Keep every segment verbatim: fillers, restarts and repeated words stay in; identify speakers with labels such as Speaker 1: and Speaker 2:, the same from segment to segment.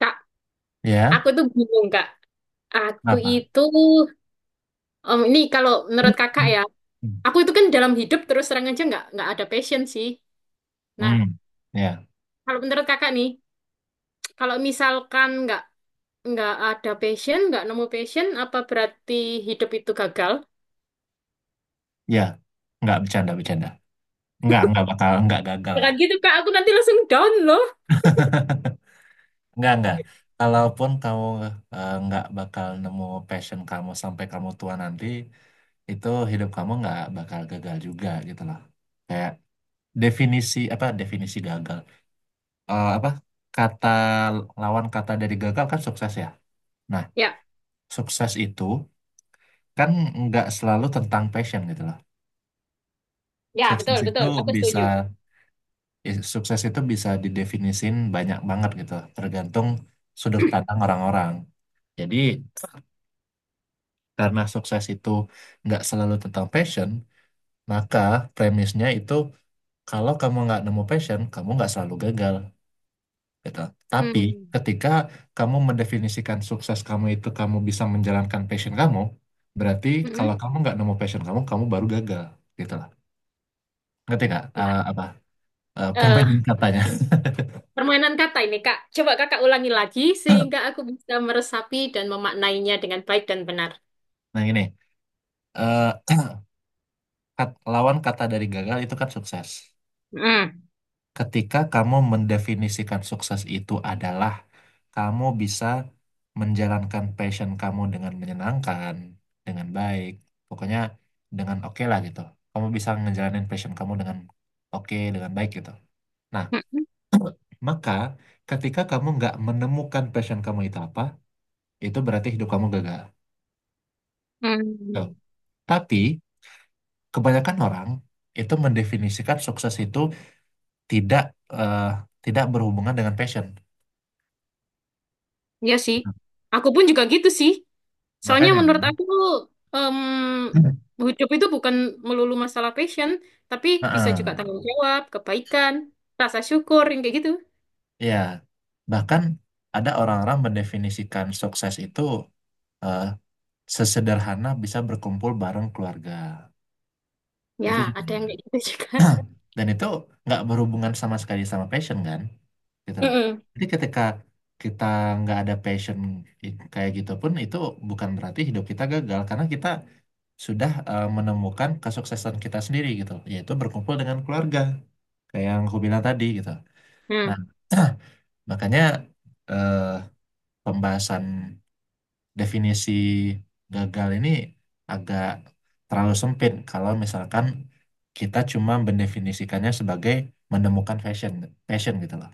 Speaker 1: Kak,
Speaker 2: Ya,
Speaker 1: aku tuh bingung, Kak. Aku
Speaker 2: apa?
Speaker 1: itu, em, ini kalau menurut kakak ya,
Speaker 2: Hmm,
Speaker 1: aku itu kan dalam hidup terus terang aja nggak nggak ada passion sih. Nah,
Speaker 2: Hmm. ya,
Speaker 1: kalau menurut kakak nih, kalau misalkan nggak nggak ada passion, nggak nemu passion, apa berarti hidup itu gagal?
Speaker 2: ya, nggak bercanda, bercanda. Nggak, nggak bakal, nggak gagal lah.
Speaker 1: Jangan gitu, Kak. Aku nanti langsung down loh.
Speaker 2: Nggak, nggak. Kalaupun kamu eh, nggak bakal nemu passion kamu sampai kamu tua nanti, itu hidup kamu nggak bakal gagal juga gitu loh. Kayak definisi apa? Definisi gagal. Eh, apa? Kata Lawan kata dari gagal kan sukses ya. Nah,
Speaker 1: Ya,
Speaker 2: sukses itu kan nggak selalu tentang passion gitu loh.
Speaker 1: ya
Speaker 2: Sukses
Speaker 1: betul
Speaker 2: itu
Speaker 1: betul. Aku
Speaker 2: bisa
Speaker 1: setuju.
Speaker 2: Ya, sukses itu bisa didefinisin banyak banget gitu, tergantung sudut pandang orang-orang. Jadi, karena sukses itu nggak selalu tentang passion, maka premisnya itu kalau kamu nggak nemu passion, kamu nggak selalu gagal gitu. Tapi
Speaker 1: Hmm.
Speaker 2: ketika kamu mendefinisikan sukses kamu itu kamu bisa menjalankan passion kamu, berarti kalau
Speaker 1: Mm-mm.
Speaker 2: kamu nggak nemu passion, kamu, kamu baru gagal gitu lah. Ngerti nggak?
Speaker 1: Wah,
Speaker 2: Eh, apa eh, permainan
Speaker 1: eh,
Speaker 2: katanya?
Speaker 1: permainan kata ini, Kak. Coba kakak ulangi lagi sehingga aku bisa meresapi dan memaknainya dengan baik dan benar.
Speaker 2: Nah, gini. eh, Kat- lawan kata dari gagal itu kan sukses.
Speaker 1: Mm.
Speaker 2: Ketika kamu mendefinisikan sukses itu adalah kamu bisa menjalankan passion kamu dengan menyenangkan, dengan baik, pokoknya dengan oke lah gitu. Kamu bisa ngejalanin passion kamu dengan oke, dengan baik gitu. Nah, maka ketika kamu nggak menemukan passion kamu itu apa, itu berarti hidup kamu gagal. Tuh.
Speaker 1: Hmm,
Speaker 2: Tapi kebanyakan orang itu mendefinisikan sukses itu tidak eh, tidak berhubungan dengan passion.
Speaker 1: iya sih. Aku pun juga gitu sih. Soalnya
Speaker 2: Makanya
Speaker 1: menurut
Speaker 2: kan,
Speaker 1: aku em, hidup itu bukan melulu masalah passion, tapi bisa juga
Speaker 2: Heeh.
Speaker 1: tanggung jawab, kebaikan, rasa syukur yang kayak gitu.
Speaker 2: Ya, bahkan ada orang-orang mendefinisikan sukses itu eh, sesederhana bisa berkumpul bareng keluarga.
Speaker 1: Ya,
Speaker 2: Itu juga
Speaker 1: ada
Speaker 2: ada.
Speaker 1: yang kayak gitu juga.
Speaker 2: Dan itu nggak berhubungan sama sekali sama passion kan, gitu loh.
Speaker 1: Mm-mm.
Speaker 2: Jadi ketika kita nggak ada passion i- kayak gitu pun itu bukan berarti hidup kita gagal karena kita sudah eh, menemukan kesuksesan kita sendiri gitu, yaitu berkumpul dengan keluarga, kayak yang aku bilang tadi gitu. Nah,
Speaker 1: Hmm,
Speaker 2: makanya eh, pembahasan definisi gagal ini agak terlalu sempit kalau misalkan kita cuma mendefinisikannya sebagai menemukan fashion, passion gitu loh.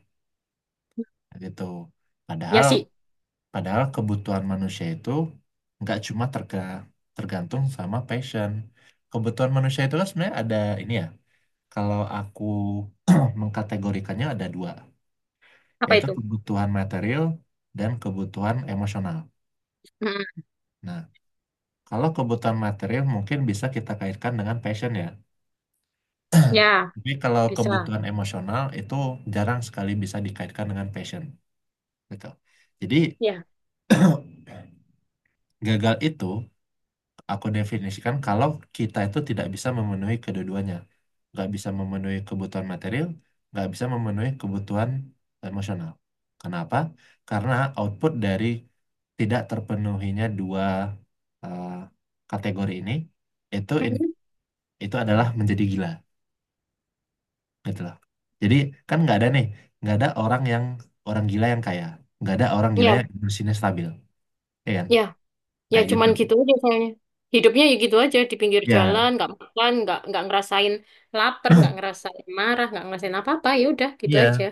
Speaker 2: Gitu.
Speaker 1: ya
Speaker 2: Padahal
Speaker 1: sih.
Speaker 2: Padahal kebutuhan manusia itu nggak cuma terga- tergantung sama passion. Kebutuhan manusia itu kan sebenarnya ada ini ya. Kalau aku mengkategorikannya ada dua,
Speaker 1: Apa
Speaker 2: yaitu
Speaker 1: itu?
Speaker 2: kebutuhan material dan kebutuhan emosional.
Speaker 1: Mm-mm.
Speaker 2: Nah, kalau kebutuhan material mungkin bisa kita kaitkan dengan passion ya.
Speaker 1: Ya,
Speaker 2: Tapi kalau
Speaker 1: bisa.
Speaker 2: kebutuhan emosional itu jarang sekali bisa dikaitkan dengan passion, gitu. Jadi
Speaker 1: Ya.
Speaker 2: gagal itu aku definisikan kalau kita itu tidak bisa memenuhi kedua-duanya. Nggak bisa memenuhi kebutuhan material, nggak bisa memenuhi kebutuhan emosional. Kenapa? Karena output dari tidak terpenuhinya dua eh, kategori ini itu in-
Speaker 1: Mm-mm.
Speaker 2: itu adalah menjadi gila, gitu loh. Jadi kan nggak ada nih, nggak ada orang yang orang gila yang kaya, nggak ada orang gila
Speaker 1: Ya,
Speaker 2: yang emosinya stabil, ya kan?
Speaker 1: ya, ya.
Speaker 2: Kayak gitu.
Speaker 1: Cuman gitu aja soalnya. Hidupnya ya gitu aja di pinggir
Speaker 2: Ya,
Speaker 1: jalan, nggak makan, nggak nggak ngerasain lapar, nggak ngerasain marah, nggak ngerasain apa-apa. Ya udah, gitu
Speaker 2: iya,
Speaker 1: aja.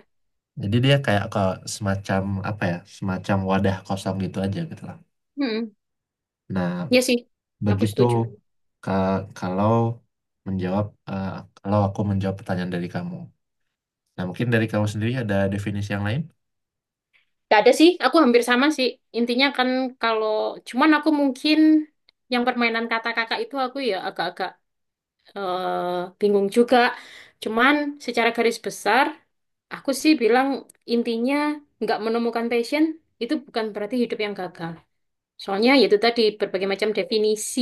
Speaker 2: jadi dia kayak ke semacam apa ya, semacam wadah kosong gitu aja gitu lah.
Speaker 1: Mm-mm.
Speaker 2: Nah,
Speaker 1: Iya sih, aku
Speaker 2: begitu
Speaker 1: setuju.
Speaker 2: ka- kalau menjawab eh, kalau aku menjawab pertanyaan dari kamu. Nah, mungkin dari kamu sendiri ada definisi yang lain?
Speaker 1: Gak ada sih, aku hampir sama sih. Intinya kan kalau, cuman aku mungkin yang permainan kata kakak itu aku ya agak-agak eh, bingung juga. Cuman secara garis besar, aku sih bilang intinya nggak menemukan passion itu bukan berarti hidup yang gagal. Soalnya yaitu tadi berbagai macam definisi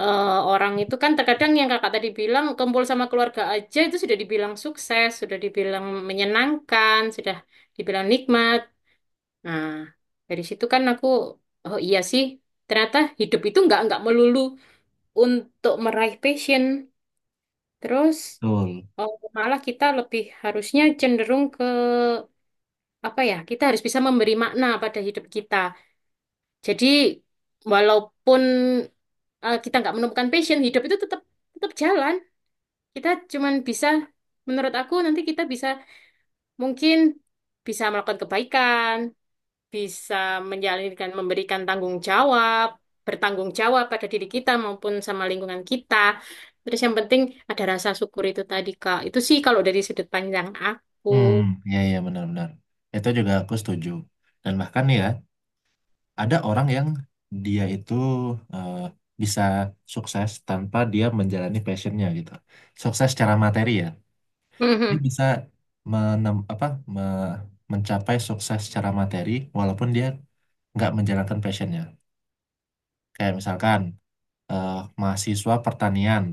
Speaker 1: eh, orang itu kan terkadang yang kakak tadi bilang kumpul sama keluarga aja itu sudah dibilang sukses, sudah dibilang menyenangkan, sudah dibilang nikmat. Nah, dari situ kan aku, oh iya sih, ternyata hidup itu nggak nggak melulu untuk meraih passion. Terus
Speaker 2: Betul.
Speaker 1: oh, malah kita lebih harusnya cenderung ke apa ya? Kita harus bisa memberi makna pada hidup kita. Jadi walaupun eh, kita nggak menemukan passion, hidup itu tetap tetap jalan. Kita cuman bisa, menurut aku nanti kita bisa mungkin bisa melakukan kebaikan, bisa menjalankan, memberikan tanggung jawab, bertanggung jawab pada diri kita maupun sama lingkungan kita. Terus yang penting ada rasa syukur itu tadi, Kak. Itu sih kalau dari sudut pandang aku.
Speaker 2: Hmm, ya, ya benar-benar. Itu juga aku setuju. Dan bahkan ya, ada orang yang dia itu eh, bisa sukses tanpa dia menjalani passionnya gitu. Sukses secara materi ya. Dia
Speaker 1: Mhm,
Speaker 2: bisa menem, apa me- mencapai sukses secara materi walaupun dia nggak menjalankan passionnya, kayak misalkan eh, mahasiswa pertanian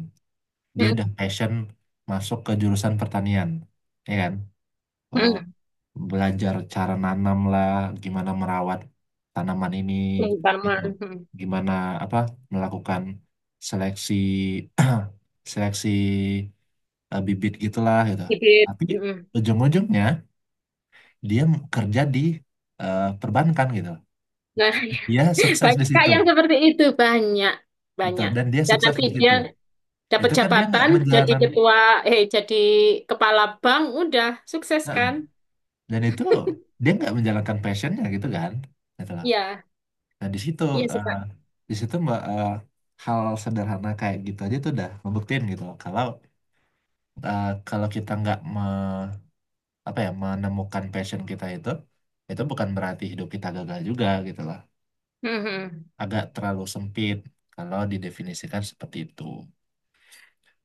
Speaker 2: dia udah
Speaker 1: mhm,
Speaker 2: passion masuk ke jurusan pertanian ya kan. Eh,
Speaker 1: mhm.
Speaker 2: belajar cara nanam lah, gimana merawat tanaman ini
Speaker 1: Yang
Speaker 2: gitu.
Speaker 1: mhm.
Speaker 2: Gimana apa melakukan seleksi seleksi eh, bibit gitulah gitu,
Speaker 1: Bibit,
Speaker 2: tapi
Speaker 1: mhm.
Speaker 2: ujung-ujungnya dia kerja di eh, perbankan gitu.
Speaker 1: Nah,
Speaker 2: Dia sukses di
Speaker 1: banyak Kak
Speaker 2: situ,
Speaker 1: yang seperti itu, banyak,
Speaker 2: betul.
Speaker 1: banyak.
Speaker 2: Dan dia
Speaker 1: Dan
Speaker 2: sukses
Speaker 1: nanti
Speaker 2: di situ.
Speaker 1: dia dapat
Speaker 2: Itu kan dia nggak
Speaker 1: jabatan, jadi
Speaker 2: menjalankan,
Speaker 1: ketua, eh jadi kepala bank, udah sukses
Speaker 2: Nah,
Speaker 1: kan?
Speaker 2: dan itu dia nggak menjalankan passionnya gitu kan, gitu loh.
Speaker 1: Iya,
Speaker 2: Nah di situ,
Speaker 1: iya sih
Speaker 2: eh,
Speaker 1: Kak.
Speaker 2: di situ mbak, eh, hal sederhana kayak gitu aja tuh udah ngebuktiin gitu loh. Kalau eh, kalau kita nggak me, apa ya menemukan passion kita itu, itu bukan berarti hidup kita gagal juga gitu loh.
Speaker 1: Mhm.
Speaker 2: Agak terlalu sempit kalau didefinisikan seperti itu.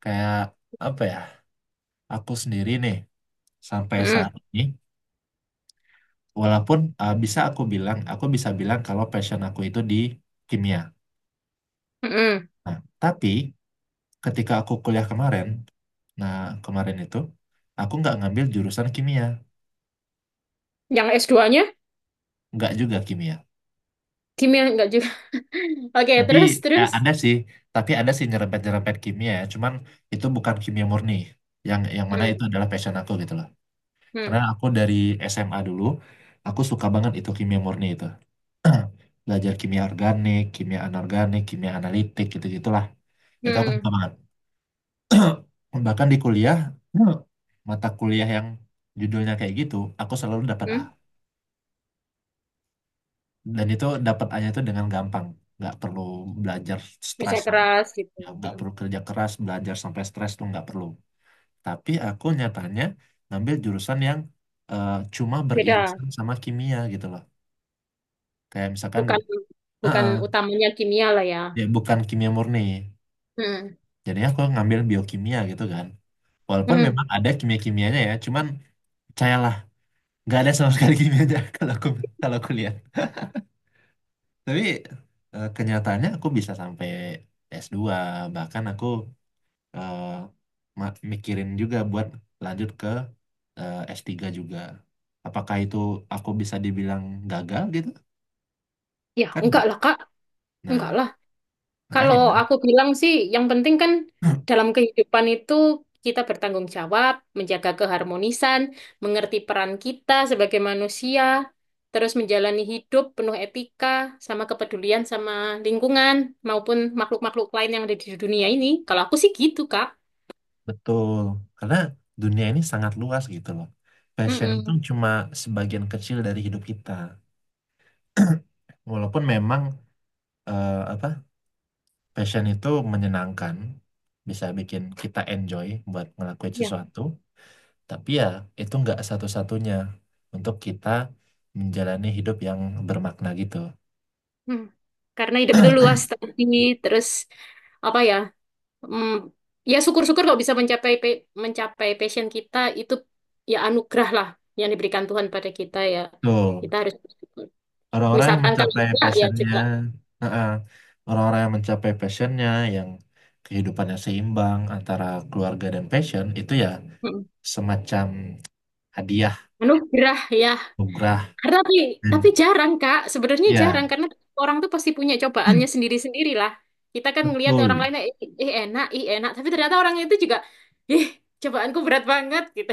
Speaker 2: Kayak apa ya, aku sendiri nih sampai saat
Speaker 1: Mhm.
Speaker 2: ini walaupun uh, bisa aku bilang, aku bisa bilang kalau passion aku itu di kimia.
Speaker 1: Mhm.
Speaker 2: Nah tapi ketika aku kuliah kemarin, nah kemarin itu aku nggak ngambil jurusan kimia,
Speaker 1: Yang S dua nya
Speaker 2: nggak juga kimia,
Speaker 1: kimia enggak juga. Oke,
Speaker 2: tapi
Speaker 1: terus
Speaker 2: eh,
Speaker 1: terus.
Speaker 2: ada sih tapi ada sih nyerempet-nyerempet kimia, ya cuman itu bukan kimia murni, yang yang mana itu
Speaker 1: Mhm.
Speaker 2: adalah passion aku gitu loh. Karena
Speaker 1: Mhm.
Speaker 2: aku dari S M A dulu aku suka banget itu kimia murni itu. Belajar kimia organik, kimia anorganik, kimia analitik gitu-gitulah. Itu aku
Speaker 1: Mhm.
Speaker 2: suka banget. Bahkan di kuliah, mata kuliah yang judulnya kayak gitu, aku selalu dapat A.
Speaker 1: Mhm.
Speaker 2: Dan itu dapat A-nya itu dengan gampang. Nggak perlu belajar
Speaker 1: Kerja
Speaker 2: stresan.
Speaker 1: keras gitu.
Speaker 2: Ya, nggak
Speaker 1: Mhm.
Speaker 2: perlu kerja keras, belajar sampai stres tuh nggak perlu. Tapi aku nyatanya ngambil jurusan yang eh, cuma
Speaker 1: Beda,
Speaker 2: beririsan sama kimia gitu loh. Kayak misalkan,
Speaker 1: bukan
Speaker 2: eh,
Speaker 1: bukan
Speaker 2: eh,
Speaker 1: utamanya kimia lah ya.
Speaker 2: ya bukan kimia murni.
Speaker 1: Mhm.
Speaker 2: Jadi aku ngambil biokimia gitu kan. Walaupun
Speaker 1: Mhm.
Speaker 2: memang ada kimia-kimianya ya, cuman percayalah, nggak ada sama sekali kimianya kalau aku kalau aku lihat. Tapi eh, kenyataannya aku bisa sampai S dua, bahkan aku eh, ma- mikirin juga buat lanjut ke eh, S tiga juga. Apakah itu aku bisa dibilang gagal gitu?
Speaker 1: Ya,
Speaker 2: Kan
Speaker 1: enggak
Speaker 2: nggak.
Speaker 1: lah Kak.
Speaker 2: Nah,
Speaker 1: Enggak lah.
Speaker 2: makanya
Speaker 1: Kalau
Speaker 2: kan.
Speaker 1: aku bilang sih, yang penting kan dalam kehidupan itu kita bertanggung jawab, menjaga keharmonisan, mengerti peran kita sebagai manusia, terus menjalani hidup penuh etika, sama kepedulian sama lingkungan maupun makhluk-makhluk lain yang ada di dunia ini. Kalau aku sih gitu, Kak.
Speaker 2: Betul, karena dunia ini sangat luas gitu loh. Passion itu
Speaker 1: Mm-mm.
Speaker 2: cuma sebagian kecil dari hidup kita. Walaupun memang eh, apa passion itu menyenangkan, bisa bikin kita enjoy buat ngelakuin
Speaker 1: Ya.
Speaker 2: sesuatu, tapi ya itu nggak satu-satunya untuk kita menjalani hidup yang bermakna gitu.
Speaker 1: Hmm. Karena hidup itu luas tadi, terus apa ya? Hmm, ya syukur-syukur kalau bisa mencapai pe- mencapai passion kita itu ya anugerah lah yang diberikan Tuhan pada kita ya. Kita
Speaker 2: Betul.
Speaker 1: harus bersyukur.
Speaker 2: Orang-orang yang
Speaker 1: Misalkan kalau
Speaker 2: mencapai
Speaker 1: enggak ya
Speaker 2: passionnya,
Speaker 1: juga
Speaker 2: eh, orang-orang yang mencapai passionnya, yang kehidupannya seimbang antara keluarga dan passion itu ya
Speaker 1: mm,
Speaker 2: semacam hadiah,
Speaker 1: anugerah ya.
Speaker 2: nugrah,
Speaker 1: Karena tapi
Speaker 2: dan
Speaker 1: tapi jarang Kak, sebenarnya jarang
Speaker 2: ya
Speaker 1: karena orang tuh pasti punya cobaannya sendiri-sendiri lah. Kita kan ngelihat orang
Speaker 2: betul,
Speaker 1: lain eh, eh, enak, ih enak, tapi ternyata orang itu juga ih cobaanku berat banget gitu.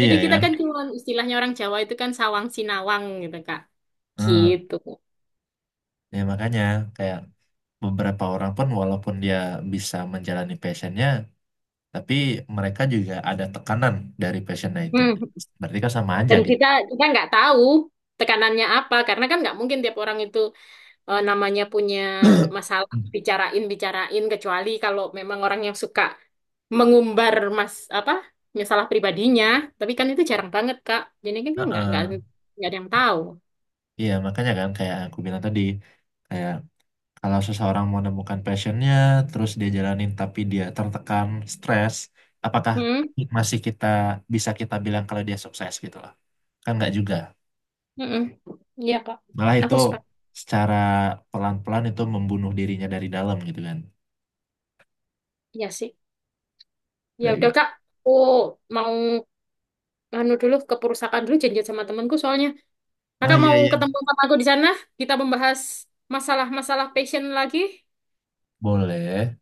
Speaker 1: Jadi kita
Speaker 2: kan?
Speaker 1: kan cuma istilahnya orang Jawa itu kan sawang sinawang gitu Kak. Gitu.
Speaker 2: Ya makanya kayak beberapa orang pun walaupun dia bisa menjalani passionnya, tapi mereka juga ada tekanan dari passionnya itu.
Speaker 1: Hmm.
Speaker 2: Berarti kan sama aja
Speaker 1: Dan
Speaker 2: gitu.
Speaker 1: kita kita nggak tahu tekanannya apa karena kan nggak mungkin tiap orang itu eh, namanya punya masalah
Speaker 2: Hmm.
Speaker 1: bicarain bicarain kecuali kalau memang orang yang suka mengumbar mas apa masalah pribadinya. Tapi kan itu jarang banget Kak. Jadi kan kan nggak nggak
Speaker 2: Heeh.
Speaker 1: nggak ada yang tahu.
Speaker 2: Iya makanya kan kayak aku bilang tadi, kayak kalau seseorang mau menemukan passionnya, terus dia jalanin tapi dia tertekan, stres, apakah
Speaker 1: Hmm,
Speaker 2: masih kita bisa kita bilang kalau dia sukses gitu loh? Kan nggak juga.
Speaker 1: hmm, iya Kak.
Speaker 2: Malah itu
Speaker 1: Aku sepak
Speaker 2: secara pelan-pelan itu membunuh dirinya dari dalam gitu kan.
Speaker 1: Iya sih. Ya udah Kak. Oh mau anu dulu ke perusahaan dulu janjian sama temanku soalnya.
Speaker 2: Oh
Speaker 1: Kakak
Speaker 2: iya
Speaker 1: mau
Speaker 2: iya,
Speaker 1: ketemu sama aku di sana? Kita membahas masalah-masalah passion lagi.
Speaker 2: boleh.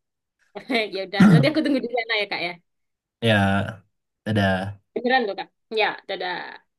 Speaker 1: Ya udah, nanti aku tunggu di sana ya, Kak ya.
Speaker 2: Ya, ada.
Speaker 1: Beneran loh, Kak. Ya, dadah.